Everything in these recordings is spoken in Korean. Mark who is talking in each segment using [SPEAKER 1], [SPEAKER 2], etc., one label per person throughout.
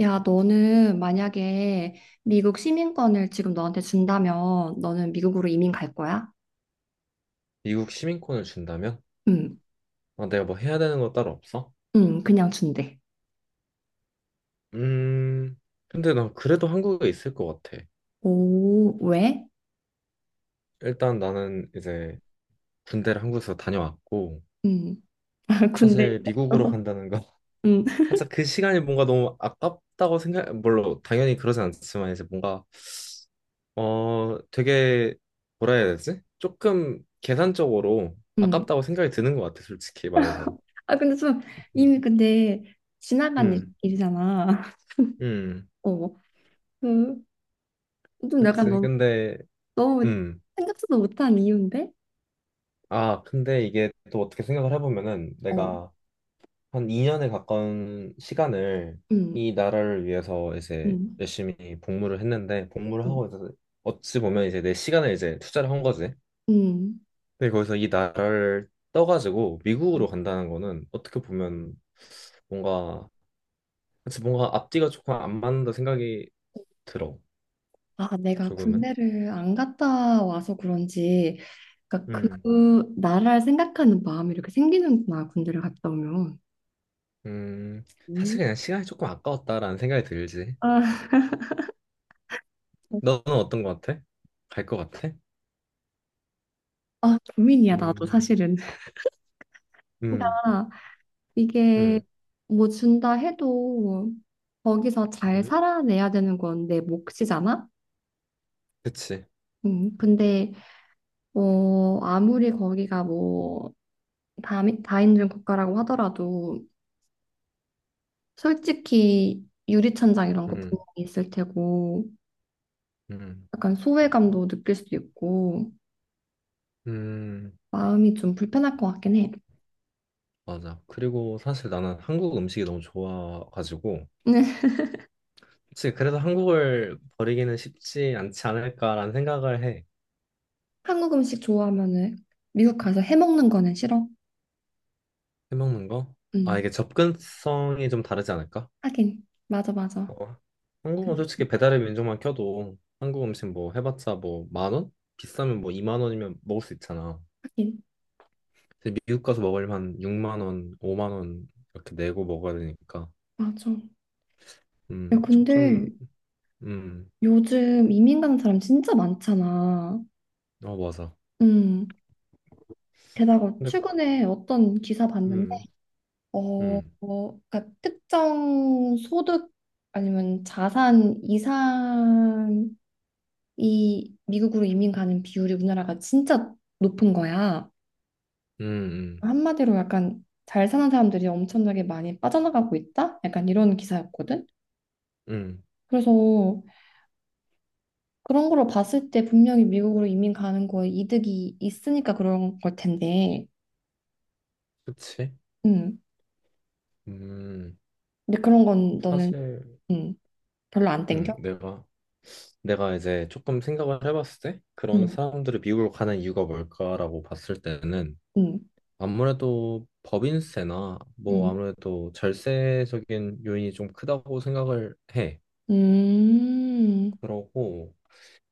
[SPEAKER 1] 야, 너는 만약에 미국 시민권을 지금 너한테 준다면 너는 미국으로 이민 갈 거야?
[SPEAKER 2] 미국 시민권을 준다면?
[SPEAKER 1] 응,
[SPEAKER 2] 아, 내가 뭐 해야 되는 거 따로 없어?
[SPEAKER 1] 응, 그냥 준대.
[SPEAKER 2] 음, 근데 난 그래도 한국에 있을 것 같아.
[SPEAKER 1] 오, 왜?
[SPEAKER 2] 일단 나는 이제 군대를 한국에서 다녀왔고,
[SPEAKER 1] 응, 군대.
[SPEAKER 2] 사실 미국으로 간다는 거.
[SPEAKER 1] 응,
[SPEAKER 2] 살짝 그 시간이 뭔가 너무 아깝다고 생각, 물론 당연히 그러진 않지만 이제 뭔가, 어, 되게, 뭐라 해야 되지? 조금 계산적으로
[SPEAKER 1] 응.
[SPEAKER 2] 아깝다고 생각이 드는 것 같아, 솔직히 말해서.
[SPEAKER 1] 아, 근데 좀
[SPEAKER 2] 음,
[SPEAKER 1] 이미 근데 지나간
[SPEAKER 2] 음,
[SPEAKER 1] 일이잖아.
[SPEAKER 2] 음.
[SPEAKER 1] 어, 그, 좀 약간
[SPEAKER 2] 그치. 근데,
[SPEAKER 1] 너무
[SPEAKER 2] 음.
[SPEAKER 1] 생각지도 못한 이유인데?
[SPEAKER 2] 아, 근데 이게 또 어떻게 생각을 해보면은
[SPEAKER 1] 어,
[SPEAKER 2] 내가 한 2년에 가까운 시간을
[SPEAKER 1] 응,
[SPEAKER 2] 이 나라를 위해서 이제
[SPEAKER 1] 응,
[SPEAKER 2] 열심히 복무를 했는데 복무를
[SPEAKER 1] 응,
[SPEAKER 2] 하고 이제 어찌 보면 이제 내 시간을 이제 투자를 한 거지. 근데 거기서 이 나라를 떠가지고
[SPEAKER 1] 응.
[SPEAKER 2] 미국으로 간다는 거는 어떻게 보면 뭔가 그치 뭔가 앞뒤가 조금 안 맞는다 생각이 들어.
[SPEAKER 1] 아, 내가
[SPEAKER 2] 조금은.
[SPEAKER 1] 군대를 안 갔다 와서 그런지, 그러니까
[SPEAKER 2] 음.
[SPEAKER 1] 그 나라를 생각하는 마음이 이렇게 생기는구나, 군대를 갔다 오면.
[SPEAKER 2] 음. 사실
[SPEAKER 1] 음.
[SPEAKER 2] 그냥 시간이 조금 아까웠다라는 생각이 들지.
[SPEAKER 1] 아,
[SPEAKER 2] 너는 어떤 거 같아? 갈 거 같아?
[SPEAKER 1] 아, 고민이야, 나도
[SPEAKER 2] 음,
[SPEAKER 1] 사실은.
[SPEAKER 2] 음,
[SPEAKER 1] 그러니까 이게
[SPEAKER 2] 음,
[SPEAKER 1] 뭐 준다 해도 거기서 잘
[SPEAKER 2] 음,
[SPEAKER 1] 살아내야 되는 건 내 몫이잖아?
[SPEAKER 2] 그치.
[SPEAKER 1] 근데 아무리 거기가 뭐 다인종 국가라고 하더라도 솔직히 유리천장 이런 거
[SPEAKER 2] 음,
[SPEAKER 1] 분명히 있을 테고
[SPEAKER 2] 음,
[SPEAKER 1] 약간 소외감도 느낄 수도 있고
[SPEAKER 2] 음,
[SPEAKER 1] 마음이 좀 불편할 것 같긴 해.
[SPEAKER 2] 맞아. 그리고 사실 나는 한국 음식이 너무 좋아가지고, 그치. 그래서 한국을 버리기는 쉽지 않지 않을까라는 생각을 해.
[SPEAKER 1] 한국 음식 좋아하면은 미국 가서 해 먹는 거는 싫어.
[SPEAKER 2] 해먹는 거? 아,
[SPEAKER 1] 음,
[SPEAKER 2] 이게 접근성이 좀 다르지 않을까?
[SPEAKER 1] 하긴 맞아 맞아.
[SPEAKER 2] 어. 한국은
[SPEAKER 1] 그-
[SPEAKER 2] 솔직히 배달의 민족만 켜도 한국 음식 뭐 해봤자 뭐 만 원? 비싸면 뭐 2만 원이면 먹을 수 있잖아.
[SPEAKER 1] 하긴
[SPEAKER 2] 근데 미국 가서 먹으려면 한 6만 원, 5만 원 이렇게 내고 먹어야 되니까.
[SPEAKER 1] 맞아. 야, 근데
[SPEAKER 2] 조금, 음,
[SPEAKER 1] 요즘 이민 간 사람 진짜 많잖아.
[SPEAKER 2] 어, 맞아.
[SPEAKER 1] 음. 게다가
[SPEAKER 2] 근데,
[SPEAKER 1] 최근에 어떤 기사 봤는데
[SPEAKER 2] 음, 음,
[SPEAKER 1] 그러니까 특정 소득 아니면 자산 이상 이 미국으로 이민 가는 비율이 우리나라가 진짜 높은 거야.
[SPEAKER 2] 음, 음,
[SPEAKER 1] 한마디로 약간 잘 사는 사람들이 엄청나게 많이 빠져나가고 있다? 약간 이런 기사였거든.
[SPEAKER 2] 음,
[SPEAKER 1] 그래서 그런 걸로 봤을 때 분명히 미국으로 이민 가는 거에 이득이 있으니까 그런 걸 텐데.
[SPEAKER 2] 그치?
[SPEAKER 1] 음.
[SPEAKER 2] 음,
[SPEAKER 1] 근데 그런 건 너는
[SPEAKER 2] 사실,
[SPEAKER 1] 음, 별로 안
[SPEAKER 2] 음,
[SPEAKER 1] 땡겨?
[SPEAKER 2] 내가, 내가 이제 조금 생각을 해봤을 때, 그런
[SPEAKER 1] 음.
[SPEAKER 2] 사람들이 미국으로 가는 이유가 뭘까라고 봤을 때는,
[SPEAKER 1] 음.
[SPEAKER 2] 아무래도 법인세나, 뭐,
[SPEAKER 1] 음.
[SPEAKER 2] 아무래도 절세적인 요인이 좀 크다고 생각을 해.
[SPEAKER 1] 음.
[SPEAKER 2] 그러고,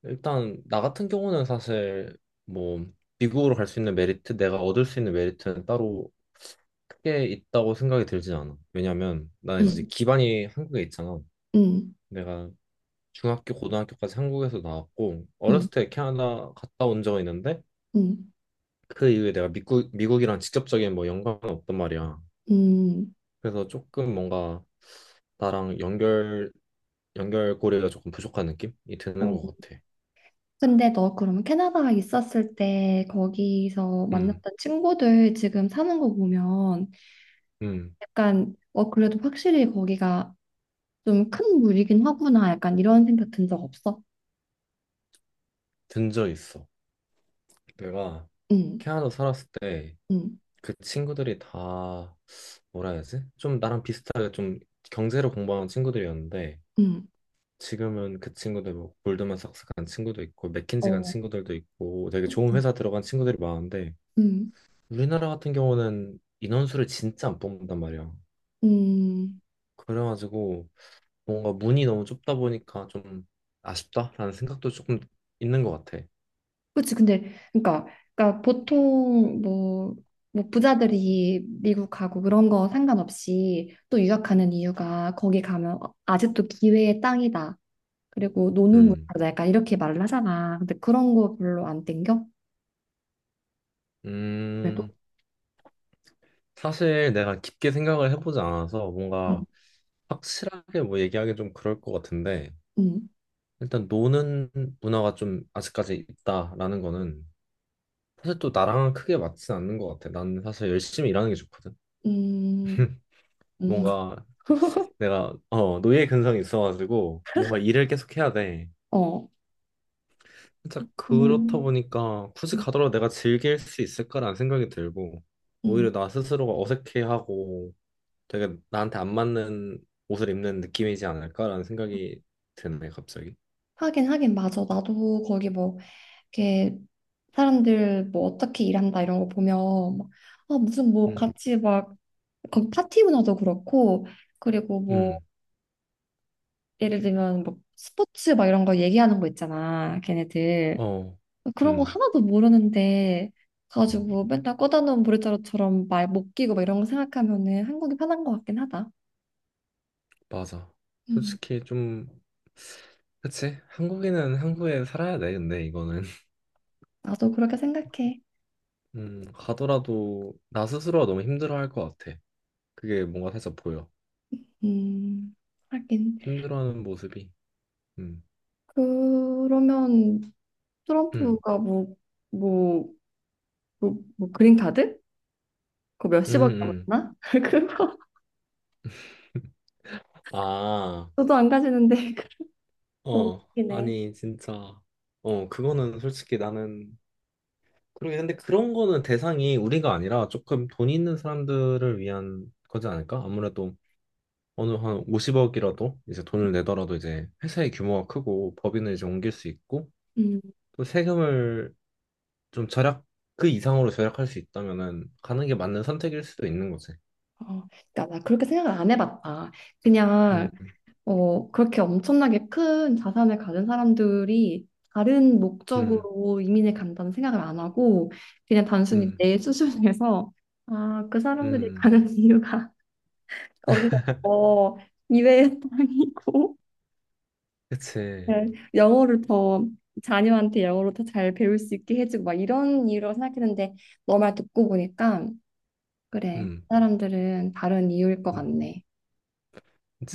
[SPEAKER 2] 일단, 나 같은 경우는 사실, 뭐, 미국으로 갈 수 있는 메리트, 내가 얻을 수 있는 메리트는 따로 크게 있다고 생각이 들진 않아. 왜냐면 나 이제
[SPEAKER 1] 음.
[SPEAKER 2] 기반이 한국에 있잖아.
[SPEAKER 1] 음.
[SPEAKER 2] 내가 중학교, 고등학교까지 한국에서 나왔고
[SPEAKER 1] 음.
[SPEAKER 2] 어렸을 때 캐나다 갔다 온 적이 있는데
[SPEAKER 1] 음. 음.
[SPEAKER 2] 그 이후에 내가 미국이랑 직접적인 뭐 연관은 없단 말이야.
[SPEAKER 1] 음.
[SPEAKER 2] 그래서 조금 뭔가 나랑 연결고리가 조금 부족한 느낌이 드는
[SPEAKER 1] 어.
[SPEAKER 2] 것 같아.
[SPEAKER 1] 근데 너 그러면 캐나다에 있었을 때 거기서
[SPEAKER 2] 음,
[SPEAKER 1] 만났던 친구들 지금 사는 거 보면
[SPEAKER 2] 음,
[SPEAKER 1] 약간 그래도 확실히 거기가 좀 큰 무리긴 하구나 약간 이런 생각 든 적 없어?
[SPEAKER 2] 든 적 있어. 내가
[SPEAKER 1] 응,
[SPEAKER 2] 캐나다 살았을 때
[SPEAKER 1] 응,
[SPEAKER 2] 그 친구들이 다 뭐라 해야지? 좀 나랑 비슷하게 좀 경제를 공부하는 친구들이었는데
[SPEAKER 1] 응,
[SPEAKER 2] 지금은 그 친구들 뭐 골드만삭스 간 친구도 있고 맥킨지 간
[SPEAKER 1] 어,
[SPEAKER 2] 친구들도 있고 되게 좋은 회사 들어간 친구들이 많은데
[SPEAKER 1] 응,
[SPEAKER 2] 우리나라 같은 경우는 인원수를 진짜 안 뽑는단 말이야.
[SPEAKER 1] 응.
[SPEAKER 2] 그래가지고 뭔가 문이 너무 좁다 보니까 좀 아쉽다라는 생각도 조금 있는 것 같아.
[SPEAKER 1] 그치 근데 그러니까 보통 뭐 부자들이 미국 가고 그런 거 상관없이 또 유학 가는 이유가 거기 가면 아직도 기회의 땅이다. 그리고 노는
[SPEAKER 2] 음,
[SPEAKER 1] 문화다 약간 이렇게 말을 하잖아. 근데 그런 거 별로 안 땡겨? 그래도
[SPEAKER 2] 음, 사실 내가 깊게 생각을 해보지 않아서
[SPEAKER 1] 음,
[SPEAKER 2] 뭔가 확실하게 뭐 얘기하기 좀 그럴 것 같은데
[SPEAKER 1] 음,
[SPEAKER 2] 일단 노는 문화가 좀 아직까지 있다라는 거는 사실 또 나랑 크게 맞진 않는 것 같아. 나는 사실 열심히 일하는 게 좋거든.
[SPEAKER 1] 음, 음.
[SPEAKER 2] 뭔가 내가 어 노예 근성이 있어가지고 뭔가 일을 계속 해야 돼.
[SPEAKER 1] 어,
[SPEAKER 2] 진짜 그렇다
[SPEAKER 1] 음,
[SPEAKER 2] 보니까 굳이
[SPEAKER 1] 음,
[SPEAKER 2] 가더라도 내가 즐길 수 있을까라는 생각이 들고
[SPEAKER 1] 음.
[SPEAKER 2] 오히려 나 스스로가 어색해하고 되게 나한테 안 맞는 옷을 입는 느낌이지 않을까라는 생각이 드네 갑자기.
[SPEAKER 1] 하긴 하긴 맞아. 나도 거기 뭐 이렇게 사람들 뭐 어떻게 일한다 이런 거 보면 막, 아 무슨 뭐
[SPEAKER 2] 음.
[SPEAKER 1] 같이 막 거기 파티 문화도 그렇고 그리고 뭐
[SPEAKER 2] 음.
[SPEAKER 1] 예를 들면 뭐 스포츠 막 이런 거 얘기하는 거 있잖아 걔네들
[SPEAKER 2] 어,
[SPEAKER 1] 그런 거
[SPEAKER 2] 음,
[SPEAKER 1] 하나도 모르는데 가지고 맨날 꺼다 놓은 보리자루처럼 말 못 끼고 막 이런 거 생각하면은 한국이 편한 것 같긴 하다.
[SPEAKER 2] 맞아.
[SPEAKER 1] 음,
[SPEAKER 2] 솔직히 좀, 그치? 한국인은 한국에 살아야 돼, 근데 이거는.
[SPEAKER 1] 나도 그렇게 생각해.
[SPEAKER 2] 가더라도 나 스스로가 너무 힘들어 할 것 같아. 그게 뭔가 살짝 보여.
[SPEAKER 1] 음, 하긴
[SPEAKER 2] 힘들어하는 모습이. 음,
[SPEAKER 1] 그러면
[SPEAKER 2] 음,
[SPEAKER 1] 트럼프가 뭐 뭐 그린카드? 그거
[SPEAKER 2] 음,
[SPEAKER 1] 몇십억
[SPEAKER 2] 음.
[SPEAKER 1] 남았나? 그거
[SPEAKER 2] 아,
[SPEAKER 1] 저도 안 가지는데 너무
[SPEAKER 2] 어,
[SPEAKER 1] 웃기네.
[SPEAKER 2] 아니, 진짜. 어, 그거는 솔직히 나는, 그러게, 근데 그런 거는 대상이 우리가 아니라 조금 돈 있는 사람들을 위한 거지 않을까? 아무래도 어느 한 50억이라도 이제 돈을 내더라도 이제 회사의 규모가 크고 법인을 이제 옮길 수 있고
[SPEAKER 1] 음,
[SPEAKER 2] 또 세금을 좀 절약 그 이상으로 절약할 수 있다면은 가는 게 맞는 선택일 수도 있는 거지.
[SPEAKER 1] 어, 그러니까 나 그렇게 생각을 안 해봤다. 그냥
[SPEAKER 2] 음,
[SPEAKER 1] 그렇게 엄청나게 큰 자산을 가진 사람들이 다른
[SPEAKER 2] 음,
[SPEAKER 1] 목적으로 이민을 간다는 생각을 안 하고 그냥 단순히
[SPEAKER 2] 음,
[SPEAKER 1] 내 수준에서 아, 그 사람들이
[SPEAKER 2] 음,
[SPEAKER 1] 가는 이유가 거기가 더 이외의 땅이고
[SPEAKER 2] 그치.
[SPEAKER 1] 네, 영어를 더 자녀한테 영어로 더 잘 배울 수 있게 해주고 막 이런 이유로 생각했는데 너 말 듣고 보니까 그래 그
[SPEAKER 2] 음,
[SPEAKER 1] 사람들은 다른 이유일 것
[SPEAKER 2] 음,
[SPEAKER 1] 같네.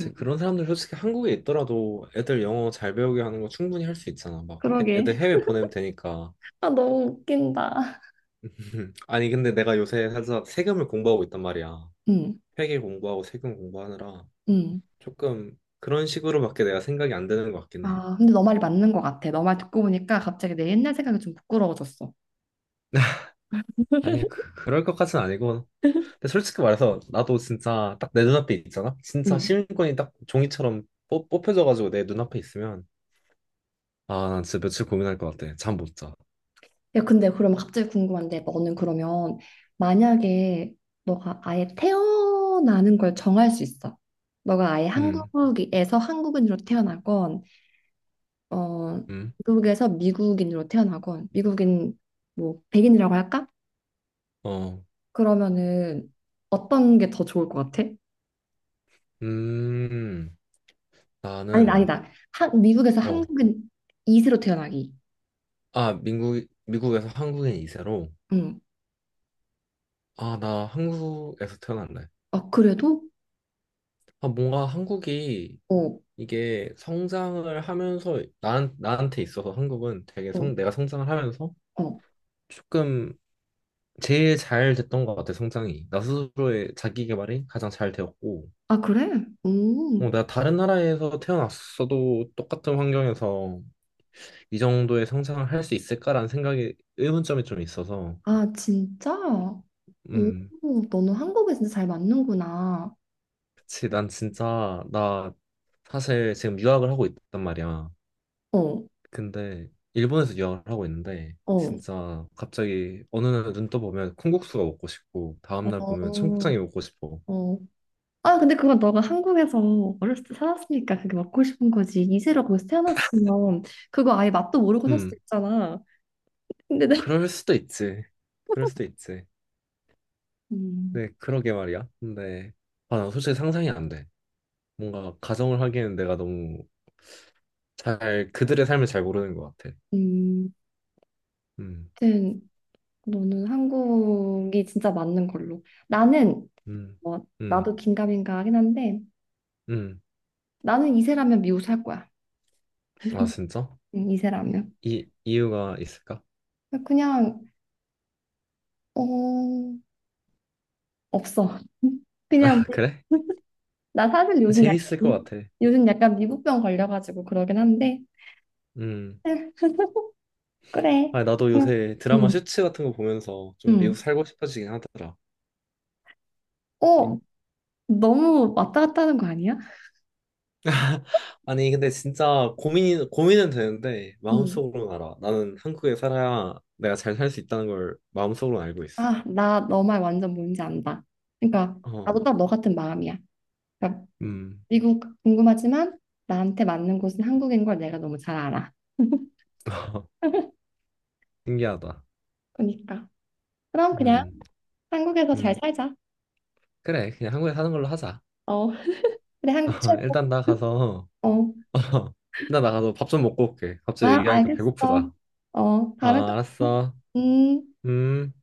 [SPEAKER 1] 음,
[SPEAKER 2] 그런 사람들 솔직히 한국에 있더라도 애들 영어 잘 배우게 하는 거 충분히 할 수 있잖아. 막
[SPEAKER 1] 그러게.
[SPEAKER 2] 애들 해외 보내면 되니까.
[SPEAKER 1] 아, 너무 웃긴다.
[SPEAKER 2] 아니 근데 내가 요새 살짝 세금을 공부하고 있단 말이야.
[SPEAKER 1] 음,
[SPEAKER 2] 회계 공부하고 세금 공부하느라.
[SPEAKER 1] 음.
[SPEAKER 2] 조금 그런 식으로밖에 내가 생각이 안 되는 것 같긴 해.
[SPEAKER 1] 아, 근데 너 말이 맞는 것 같아. 너 말 듣고 보니까 갑자기 내 옛날 생각이 좀 부끄러워졌어.
[SPEAKER 2] 아니, 그, 그럴 것 같은 아니고. 근데 솔직히 말해서 나도 진짜 딱 내 눈앞에 있잖아? 진짜
[SPEAKER 1] 음.
[SPEAKER 2] 시민권이 딱 종이처럼 뽑혀져가지고 내 눈앞에 있으면 아, 난 진짜 며칠 고민할 것 같아. 잠 못 자.
[SPEAKER 1] 야, 근데 그러면 갑자기 궁금한데, 너는 그러면 만약에 너가 아예 태어나는 걸 정할 수 있어. 너가 아예
[SPEAKER 2] 음,
[SPEAKER 1] 한국에서 한국인으로 태어나건, 어,
[SPEAKER 2] 음,
[SPEAKER 1] 미국에서 미국인으로 태어나건, 미국인 뭐 백인이라고 할까?
[SPEAKER 2] 어,
[SPEAKER 1] 그러면은 어떤 게 더 좋을 것 같아?
[SPEAKER 2] 음,
[SPEAKER 1] 아니다,
[SPEAKER 2] 나는,
[SPEAKER 1] 아니다. 미국에서
[SPEAKER 2] 어,
[SPEAKER 1] 한국인 이세로 태어나기.
[SPEAKER 2] 미국에서 한국인 이세로
[SPEAKER 1] 응.
[SPEAKER 2] 아, 나 한국에서 태어났네.
[SPEAKER 1] 어, 그래도?
[SPEAKER 2] 아, 뭔가 한국이
[SPEAKER 1] 어,
[SPEAKER 2] 이게 성장을 하면서 난, 나한테 있어서 한국은 되게
[SPEAKER 1] 어,
[SPEAKER 2] 성, 내가 성장을 하면서
[SPEAKER 1] 어.
[SPEAKER 2] 조금 제일 잘 됐던 것 같아, 성장이. 나 스스로의 자기 개발이 가장 잘 되었고,
[SPEAKER 1] 아, 그래? 오,
[SPEAKER 2] 어, 내가 다른 나라에서 태어났어도 똑같은 환경에서 이 정도의 성장을 할 수 있을까라는 생각이 의문점이 좀 있어서,
[SPEAKER 1] 아, 진짜?
[SPEAKER 2] 음,
[SPEAKER 1] 오, 너는 한국에 진짜 잘 맞는구나.
[SPEAKER 2] 그치, 난 진짜, 나 사실 지금 유학을 하고 있단 말이야.
[SPEAKER 1] 어,
[SPEAKER 2] 근데 일본에서 유학을 하고 있는데
[SPEAKER 1] 어,
[SPEAKER 2] 진짜 갑자기 어느 날 눈 떠보면 콩국수가 먹고 싶고
[SPEAKER 1] 어,
[SPEAKER 2] 다음날 보면 청국장이 먹고 싶어.
[SPEAKER 1] 어. 아, 근데 그건 너가 한국에서 어렸을 때 살았으니까 그게 먹고 싶은 거지. 이세로 거기서 태어났으면 그거 아예 맛도 모르고 살 수도
[SPEAKER 2] 음,
[SPEAKER 1] 있잖아. 근데
[SPEAKER 2] 그럴 수도 있지. 그럴 수도 있지.
[SPEAKER 1] 음,
[SPEAKER 2] 네, 그러게 말이야. 근데 아, 나 솔직히 상상이 안 돼. 뭔가 가정을 하기에는 내가 너무 잘 그들의 삶을 잘 모르는 것 같아.
[SPEAKER 1] 음,
[SPEAKER 2] 음,
[SPEAKER 1] 하여튼 너는 한국이 진짜 맞는 걸로. 나는,
[SPEAKER 2] 음, 음,
[SPEAKER 1] 나도 긴가민가 하긴 한데
[SPEAKER 2] 음.
[SPEAKER 1] 나는 이세라면 미국 살 거야.
[SPEAKER 2] 아, 진짜?
[SPEAKER 1] 이 사람이요.
[SPEAKER 2] 이 이유가 있을까?
[SPEAKER 1] 아, 그냥 어 없어. 그냥
[SPEAKER 2] 아, 그래?
[SPEAKER 1] 나 사실 요즘
[SPEAKER 2] 재밌을 것
[SPEAKER 1] 약간
[SPEAKER 2] 같아.
[SPEAKER 1] 미국병 걸려가지고 그러긴 한데
[SPEAKER 2] 음.
[SPEAKER 1] 그래.
[SPEAKER 2] 아, 나도 요새 드라마
[SPEAKER 1] 응,
[SPEAKER 2] 슈츠 같은 거 보면서 좀
[SPEAKER 1] 응.
[SPEAKER 2] 미국 살고 싶어지긴 하더라. 미-
[SPEAKER 1] 어 너무 왔다 갔다 하는 거 아니야?
[SPEAKER 2] 아니, 근데 진짜 고민이, 고민은 되는데,
[SPEAKER 1] 응.
[SPEAKER 2] 마음속으로는 알아. 나는 한국에 살아야 내가 잘 살 수 있다는 걸 마음속으로 알고 있어.
[SPEAKER 1] 아, 나 너 말 완전 뭔지 안다. 그러니까
[SPEAKER 2] 어,
[SPEAKER 1] 나도 딱 너 같은 마음이야. 그러니까
[SPEAKER 2] 음,
[SPEAKER 1] 미국 궁금하지만 나한테 맞는 곳은 한국인 걸 내가 너무 잘 알아.
[SPEAKER 2] 신기하다.
[SPEAKER 1] 그러니까 그럼 그냥
[SPEAKER 2] 음,
[SPEAKER 1] 한국에서 잘
[SPEAKER 2] 음.
[SPEAKER 1] 살자.
[SPEAKER 2] 그래, 그냥 한국에 사는 걸로 하자.
[SPEAKER 1] 어. 그래, 한국 최고.
[SPEAKER 2] 일단 나 가서,
[SPEAKER 1] 어,
[SPEAKER 2] 일단 나 가서 밥 좀 먹고 올게. 갑자기
[SPEAKER 1] 아,
[SPEAKER 2] 얘기하니까
[SPEAKER 1] 알겠어.
[SPEAKER 2] 배고프다.
[SPEAKER 1] 다음에
[SPEAKER 2] 아,
[SPEAKER 1] 또 봐.
[SPEAKER 2] 알았어.
[SPEAKER 1] 음.
[SPEAKER 2] 음.